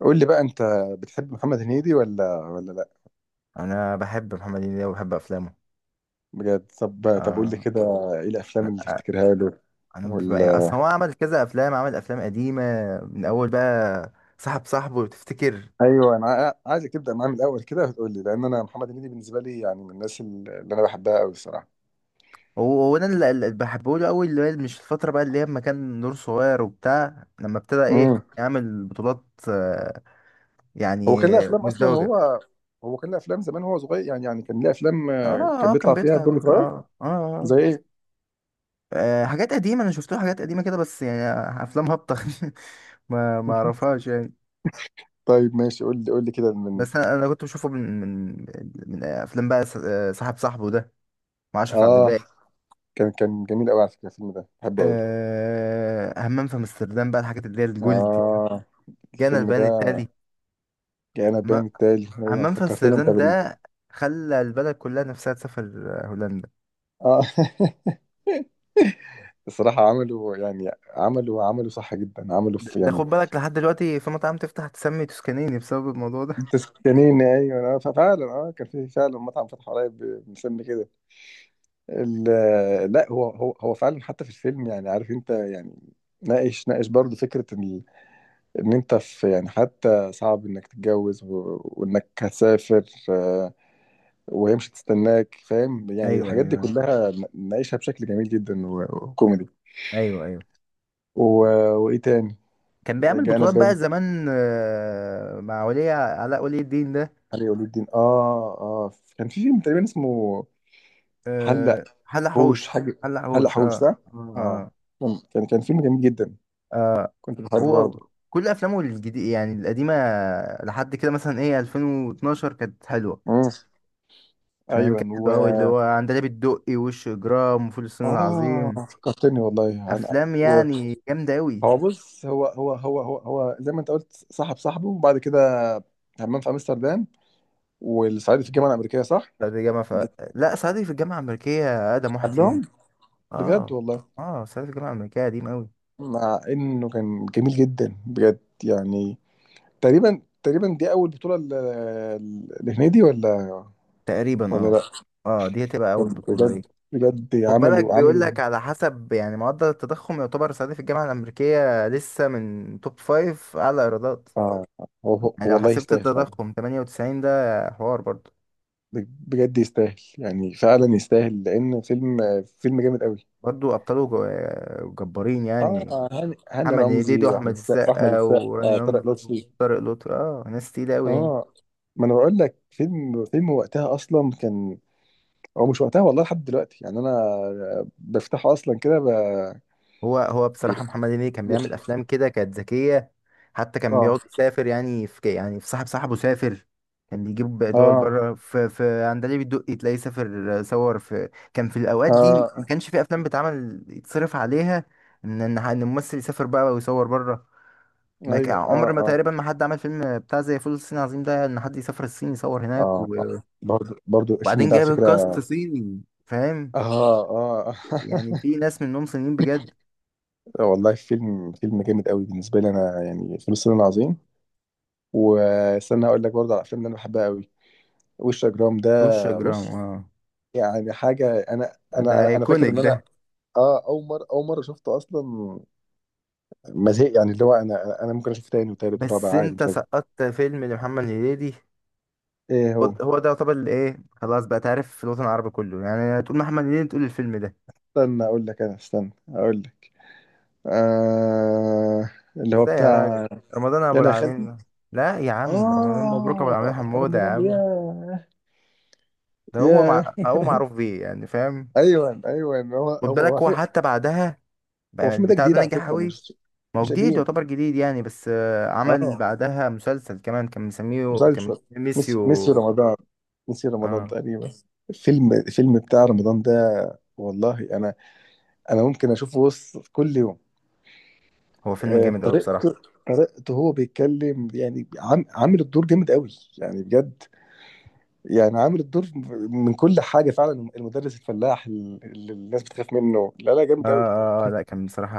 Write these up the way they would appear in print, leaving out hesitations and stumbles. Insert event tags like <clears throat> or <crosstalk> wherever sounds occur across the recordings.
قول لي بقى انت بتحب محمد هنيدي ولا لا؟ انا بحب محمد هنيدي وبحب افلامه. بجد، طب قول لي آه، كده. ايه الافلام اللي تفتكرها له؟ انا ببقى ولا؟ اصلا هو عمل كذا افلام، عمل افلام قديمه من اول بقى، صاحب صاحبه لو تفتكر. ايوه، انا عايزك تبدا معاه من الاول كده وتقول لي، لان انا محمد هنيدي بالنسبه لي يعني من الناس اللي انا بحبها قوي الصراحه. هو انا اللي بحبه له اول، اللي هي مش الفتره بقى، اللي هي لما كان نور صغير وبتاع، لما ابتدى ايه امم. يعمل بطولات. آه، يعني هو كان له افلام اصلا مزدوجه. هو؟ هو كان له افلام زمان هو صغير، يعني كان له افلام اه كان اه، كان بيطلع فيها بيطلع دور دور صغير. اه اه, آه. زي ايه؟ آه، حاجات قديمه، انا شفت له حاجات قديمه كده بس يعني افلام هابطه <laughs> ما <laughs> اعرفهاش يعني. طيب ماشي، قول لي كده من... بس أنا كنت بشوفه من من افلام بقى آه، صاحب صاحبه ده مع اشرف عبد آه. اه، الباقي. كان جميل قوي على فكره، الفيلم ده بحبه قوي. أه، همام في امستردام بقى، الحاجات اللي هي الجولد. اه، جانا الفيلم البيان ده. التالي. كأنا هم- باين التالي، أيوة أنت همام في فكرتني أنت امستردام بال... ده خلى البلد كلها نفسها تسافر، آه، هولندا. آه. <laughs> الصراحة عملوا، يعني عملوا صح جدا، عملوا ده في ده يعني... خد بالك لحد دلوقتي في مطاعم تفتح تسمي توسكانيني بسبب الموضوع ده. تسكنين، أيوة، ففعلا كان في فعلا مطعم فتح قريب مسمي كده. لا، هو فعلا حتى في الفيلم، يعني عارف أنت يعني، ناقش برضه فكرة إن أنت في، يعني حتى صعب إنك تتجوز وإنك هتسافر، وهي مش هتستناك، فاهم يعني ايوه الحاجات دي ايوه، كلها ناقشها بشكل جميل جدا، وكوميدي. ايوه ايوه. و... وايه تاني؟ كان بيعمل جانا بطولات بان، بقى زمان، آه، مع ولي علاء ولي الدين ده. علي ولي الدين. اه، اه. كان في فيلم تقريبا اسمه... حلق آه، حلق حوش. حوش، حاجه. حلق حلق حوش، حوش، اه صح؟ اه. اه. مم. كان فيلم جميل جدا. آه، كنت بحبه هو برضه. كل افلامه الجديد يعني القديمه لحد كده. مثلا، ايه 2012 كانت حلوه. مم. فاهم؟ ايوه كانت و... حلوه قوي، اللي هو عندليب الدقي وش اجرام وفول الصين اه، العظيم، فكرتني والله عن... افلام و... يعني جامده قوي. هو بص، هو زي ما انت قلت صاحب صاحبه، وبعد كده همام في امستردام، والصعيدي في الجامعه الامريكيه، صح؟ صعيدي في الجامعه ف... لا، صعيدي في الجامعه الامريكيه اقدم واحد فيهم. قبلهم. بجد اه والله. اه، صعيدي في الجامعه الامريكيه قديم قوي. مع انه كان جميل جدا بجد، يعني تقريبا دي اول بطوله لهنيدي، ولا؟ تقريبا ولا لا. اه. اه، دي هتبقى اول بطوله ليه. بجد. بجد، خد بالك عملوا بيقول عملوا لك على حسب يعني معدل التضخم، يعتبر صعيدي في الجامعه الامريكيه لسه من توب فايف اعلى ايرادات. اه، هو يعني لو والله حسبت يستاهل فعلا. التضخم 98 ده، حوار برضو. بجد يستاهل، يعني فعلا يستاهل لان فيلم، فيلم جامد قوي. برضو أبطاله جبارين يعني. اه، هاني محمد رمزي، هنيدي واحمد وأحمد السقا واحمد السقا السقا وراني طارق رمزي لطفي. وطارق لطفي، اه، ناس تقيلة أوي يعني. اه، ما انا بقول لك فيلم وقتها اصلا كان... هو مش وقتها، والله لحد دلوقتي يعني انا بفتحه اصلا كده هو بصراحة محمد هنيدي كان بيعمل بيخ- أفلام كده كانت ذكية. حتى كان اه، بيقعد يسافر يعني، في يعني في صاحب صاحبه سافر. كان بيجيب دول اه، بره، في عندليب الدقي تلاقيه سافر صور. في كان في الأوقات دي ما اه. كانش في أفلام بتعمل يتصرف عليها إن الممثل يسافر بقى ويصور بره. ما ك- ايوه، اه، عمر ما اه، تقريبا ما حد عمل فيلم بتاع زي فول الصين العظيم ده، ان حد يسافر الصين يصور هناك، اه. آه. و- برضو الفيلم وبعدين ده على جايب الكاست فكره. صيني، فاهم؟ اه، اه. يعني في ناس منهم صينيين بجد. <laughs> والله، فيلم جامد قوي بالنسبه لي انا، يعني فيلم الصين العظيم. واستنى اقول لك برضو على الافلام اللي انا بحبها قوي، وش جرام وش ده. جرام، بص، اه، يعني حاجه، انا انا ده انا أنا فاكر ايكونيك ان انا... ده. اه، اول مره شفته اصلا ما زهق، يعني اللي هو انا ممكن اشوف تاني وتالت ورابع، بس عادي انت مش هزهق. سقطت فيلم لمحمد هنيدي. ايه هو هو؟ هو ده يعتبر اللي ايه، خلاص بقى، تعرف في الوطن العربي كله يعني تقول محمد هنيدي تقول الفيلم ده. استنى اقول لك. آه. اللي هو ازاي يا بتاع... راجل؟ رمضان يا ابو انا يا خالتي. العالمين. لا يا عم، رمضان مبروك ابو اه، العالمين حموده يا رمضان، عم. ياه. ده هو ياه. مع... هو معروف بيه يعني، فاهم؟ ايوه، ايوه، هو خد هو هو بالك، هو في-... حتى بعدها هو بقى الفيلم ده البتاع جديد ده على نجح فكره، قوي. مش ما هو مش جديد، قديم؟ يعتبر جديد يعني. بس آه، عمل اه. بعدها مسلسل كمان، كان مسميه، كان مسلسل. ميسي ميسيو. رمضان. ميسي رمضان اه، تقريبا. الفيلم بتاع رمضان ده، والله انا، انا ممكن اشوفه بص كل يوم. هو فيلم جامد قوي بصراحة. طريقته، طريقته هو بيتكلم، يعني عامل الدور جامد قوي، يعني بجد. يعني عامل الدور من كل حاجه فعلا، المدرس الفلاح اللي الناس بتخاف منه، لا لا، اه جامد قوي. اه، آه، لا كان بصراحة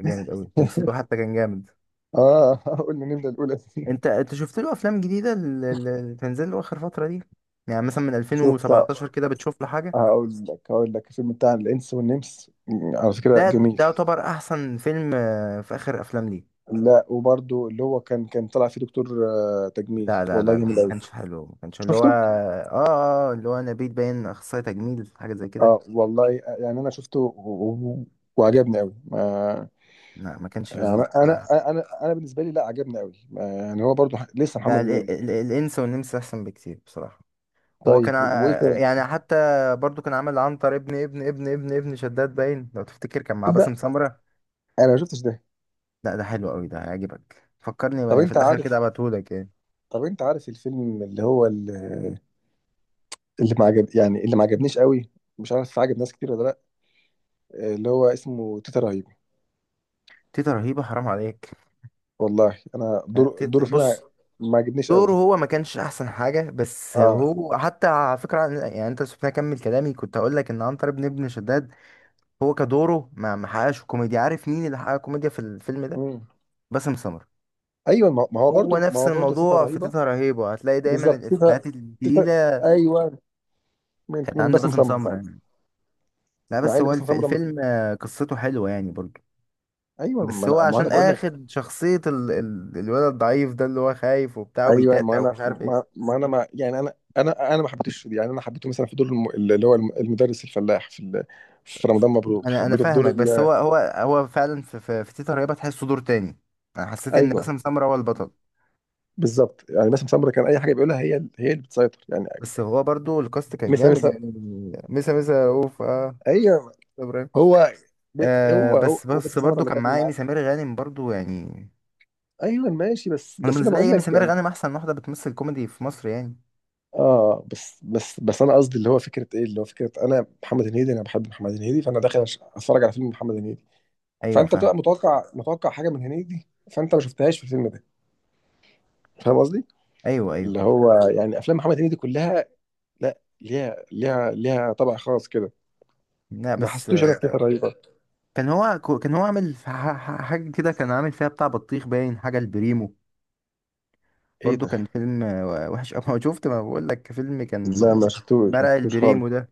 جامد قوي. تمثيله حتى كان جامد. اه. <laughs> قلنا نبدأ الأولى دي. انت شفت له افلام جديدة، اللي تنزل له اخر فترة دي؟ يعني مثلا من شفت. 2017 كده بتشوف له حاجة؟ هقول لك الفيلم بتاع الإنس والنمس، على فكرة ده جميل. ده يعتبر احسن فيلم، آه، في اخر افلام ليه. لا وبرده اللي هو كان طلع فيه دكتور تجميل لا لا والله لا لا، جميل ما أوي. كانش حلو. ما كانش اللي هو شفته؟ اه اه اللي هو نبيل باين اخصائي تجميل حاجة زي اه كده. والله، يعني أنا شفته وعجبني أوي لا، ما كانش يعني، لذيذ أنا بصراحة. أنا أنا أنا بالنسبة لي لا عجبني أوي يعني هو برده لسه لا، محمد هنيدي. الإنس والنمس أحسن بكتير بصراحة. هو كان طيب، وإيه تاني؟ يعني حتى برضو كان عامل عنتر ابن ابن شداد، باين لو تفتكر، كان مع تصدق، باسم سمرة. أنا ما شفتش ده. لا، ده حلو قوي، ده هيعجبك. فكرني طب بقى في أنت الآخر عارف، كده ابعتهولك يعني. طب أنت عارف الفيلم اللي هو، اللي ما عجب، يعني اللي ما عجبنيش قوي، مش عارف عجب ناس كتير ولا لا، اللي هو اسمه تيتا رهيب. تيتا رهيبة، حرام عليك. والله انا، لا، دوره تيتا- فيه ما، بص، ما عجبنيش دوره قوي. هو ما كانش أحسن حاجة. بس اه. هو حتى على فكرة يعني أنت سبتني أكمل كلامي. كنت هقول لك إن عنتر ابن شداد، هو كدوره ما حققش كوميديا. عارف مين اللي حقق كوميديا في الفيلم ده؟ امم. باسم سمرة. ايوه ما هو هو برضو، نفس تيتا الموضوع في رهيبه. تيتة رهيبة، هتلاقي دايما بالظبط، تيتا. الإفيهات تيتا. التقيلة ايوه. من كانت من عند باسم باسم سمره سمرة فعلا. يعني. لا مع بس ان هو باسم الف... سمره مش... الفيلم، آه، قصته حلوة يعني برضه. ايوه، ما بس هو انا ما انا عشان بقول لك. آخد شخصية ال... الولد الضعيف ده، اللي هو خايف وبتاع ايوه، ما وبيتأتأ انا ومش عارف ما, ايه. ما انا ما يعني، انا ما حبيتش، يعني انا حبيته مثلا في دور اللي هو المدرس الفلاح في في رمضان مبروك، أنا حبيته في دور فاهمك. بس هو فعلا في في تيتة رهيبة تحسه دور تاني. أنا حسيت إن ايوه باسم سمرة هو البطل. بالظبط، يعني باسم سمره كان اي حاجه بيقولها، هي، هي اللي بتسيطر يعني. بس هو برضه الكاست كان مثل جامد مثل يعني. ميسا رؤوف، اه، ايوه. إبراهيم. هو ب- آه، هو هو بس هو بس باسم سمره برضه اللي كان كان معاه معاه. إيمي سمير غانم برضه يعني. ايوه ماشي، بس انا بس انا بالنسبه لي بقول ايمي لك سمير يعني... غانم احسن واحده بتمثل كوميدي في مصر يعني. اه، بس انا قصدي اللي هو فكره ايه، اللي هو فكره انا محمد هنيدي، انا بحب محمد هنيدي، فانا داخل اتفرج على فيلم محمد هنيدي، ايوه فانت فاهم. بتبقى متوقع، متوقع حاجه من هنيدي، فانت ما شفتهاش في الفيلم ده. فاهم قصدي؟ ايوه ايوه. اللي هو يعني افلام محمد هنيدي كلها، لا، ليها طبع خاص كده. لا ما بس حسيتوش انا آه، كده رهيبه. كان هو كان هو عامل حاجه كده. كان عامل فيها بتاع بطيخ، باين حاجه البريمو. ايه برضو ده؟ كان فيلم، آه، وحش قوي <laughs> شفت، ما بقول لك فيلم كان لا، آه، ما شفتوش ما مرق شفتوش خالص. البريمو ده.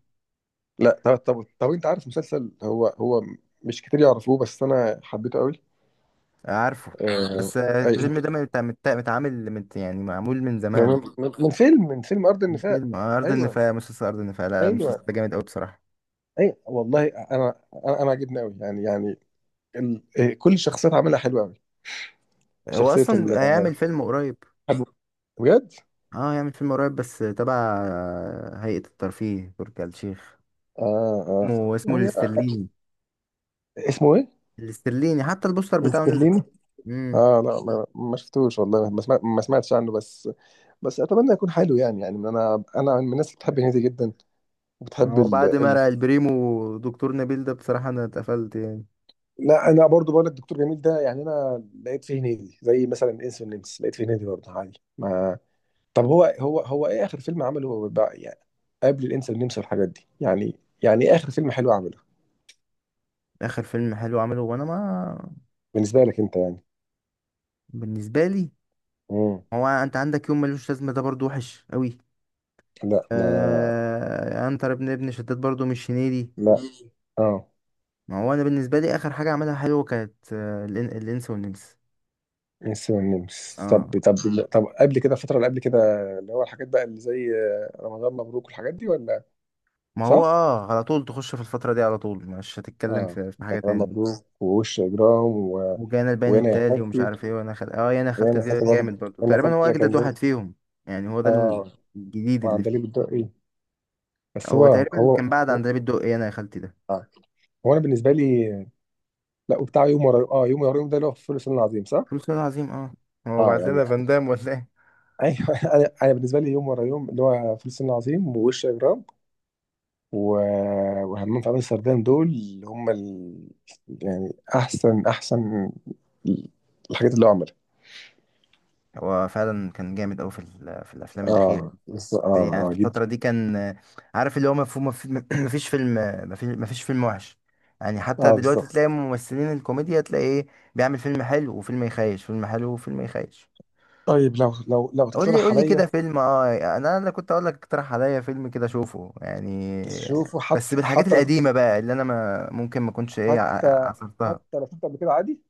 لا، طب انت عارف مسلسل هو مش كتير يعرفوه، بس انا حبيته قوي. آه، عارفه. آه. بس آه، اي، الفيلم ده مت- مت- متعامل مت يعني معمول من زمان. من فيلم ارض النفاق. فيلم، آه، ارض ايوه، النفاق، مسلسل ارض النفاق. لا لا، المسلسل ايوه. ده جامد قوي بصراحه. اي والله، انا عجبني قوي، يعني ال... آه، كل الشخصيات عاملها حلوه قوي، هو شخصيه ال... اصلا هيعمل فيلم قريب. بجد. اه، يعمل فيلم قريب بس تبع هيئة الترفيه، تركي آل الشيخ. اه، اه، اسمه يعني الاسترليني. اسمه ايه؟ الاسترليني، حتى البوستر بتاعه نزل. مسترليني. امم. اه، لا، ما شفتوش والله، ما سمعتش عنه، بس، بس اتمنى يكون حلو، يعني انا من الناس اللي بتحب هنيدي جدا، بتحب هو بعد ما رأى البريمو دكتور نبيل ده، بصراحة انا اتقفلت يعني. لا، انا برضو بقول لك دكتور جميل ده، يعني انا لقيت فيه هنيدي، زي مثلا انس والنمس لقيت فيه هنيدي برضه، عادي ما طب، هو ايه اخر فيلم عمله هو بقى، يعني قبل الانس والنمس والحاجات دي، يعني، يعني ايه اخر فيلم حلو عمله؟ اخر فيلم حلو عمله، وانا ما، بالنسبه لك انت يعني. بالنسبة لي. امم. هو انت عندك يوم ملوش لازمة ده برضو وحش قوي. لا، ما آه، عنتر ابن شداد برضو مش هنيدي. لا، اه، ما هو انا بالنسبة لي اخر حاجة عملها حلوة كانت آه، الانس والنمس. انس والنمس. طب اه، طب طب قبل كده الفتره اللي قبل كده، اللي هو الحاجات بقى اللي زي رمضان مبروك والحاجات دي، ولا؟ ما هو صح؟ اه، على طول تخش في الفترة دي، على طول مش هتتكلم اه. في حاجة رمضان تاني. مبروك ووش اجرام وجانا البيان وهنا يا التالي ومش حبيبتي، عارف ايه. وانا خل... اه، انا خلت يعني دي خدت برضه، جامد برضو. انا تقريبا هو خدت، اجدد كان واحد جامد. فيهم. يعني هو ده ال- اه. الجديد اللي وعندليب فيه. الدقي. بس هو هو تقريبا هو كان بعد هو, عن ده بيدق ايه انا يا خالتي ده. آه. هو انا بالنسبه لي، لا وبتاع يوم ورا يوم، اه، يوم ورا يوم ده اللي هو في فول الصين العظيم، صح؟ فلوس العظيم، اه، هو اه، بعت يعني، لنا فان دام ولا ايه؟ ايوه. <laughs> انا بالنسبه لي يوم ورا يوم اللي هو فول الصين العظيم، ووش اجرام، و... وهمام في عمل السردان دول اللي هم يعني احسن الحاجات اللي هو عملها. هو فعلا كان جامد اوي في ال- في الافلام الاخيرة. اه، بس، اه، يعني اه، في جدا. الفترة دي كان، عارف، اللي هو مفهوم، مفيش <clears throat> فيلم. مفيش فيلم وحش. يعني حتى اه، دلوقتي بالظبط. تلاقي ممثلين الكوميديا تلاقي ايه، بيعمل فيلم حلو وفيلم يخيش، فيلم حلو وفيلم يخيش. طيب، لو قول لي تقترح قول لي كده عليا فيلم. اه، انا كنت اقول لك اقترح عليا فيلم كده اشوفه يعني. تشوفه، بس حتى بالحاجات حتى لو، القديمة بقى، اللي انا ما ممكن ما كنتش ايه حتى عصرتها. حتى لو شفت قبل كده عادي.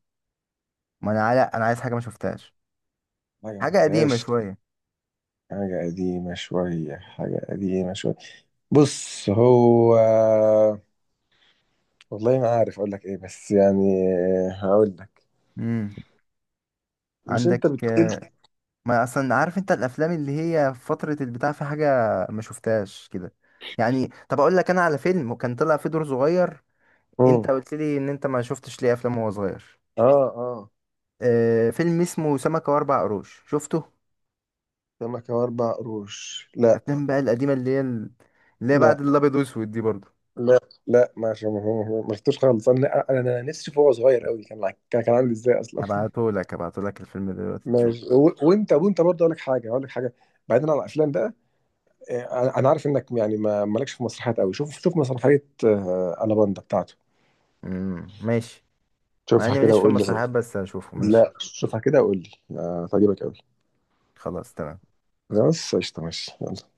ما انا على، انا عايز حاجة ما شفتهاش، حاجة ما حاجة قديمة شفتهاش، شوية. حاجة قديمة شوية. بص، هو والله ما عارف أقول لك إيه، بس يعني هقول لك. امم، مش عندك؟ أنت بتقول؟ ما اصلا عارف انت الافلام اللي هي في فتره البتاع، في حاجه ما شفتهاش كده؟ يعني طب اقول لك انا على فيلم، وكان طلع فيه دور صغير. انت مم. قلت لي ان انت ما شفتش ليه افلام وهو صغير. آه، آه. آه، فيلم اسمه سمكه واربع قروش، شفته؟ سمكة وأربع قروش، لا. الافلام بقى القديمه، اللي هي اللي هي بعد لا، الابيض واسود دي برضو. لا، لا ما شف- ما ما- ما شفتوش خالص. أنا نفسي فيه وهو صغير قوي، كان كان عامل إزاي أصلا. <laughs> ابعته لك، ابعته لك الفيلم دلوقتي تشوفه. ماشي، وأنت برضه أقول لك حاجة، بعيدا عن الأفلام بقى، انا عارف انك يعني ما مالكش في مسرحيات قوي، شوف، شوف مسرحيه، الاباندا بتاعته. امم، ماشي. مع شوفها اني كده ماليش في وقول لي رأيك. المسرحيات، بس هشوفه ماشي. لا، شوفها كده وقول لي، هتعجبك قوي. خلاص، تمام. بس قشطه، ماشي يلا.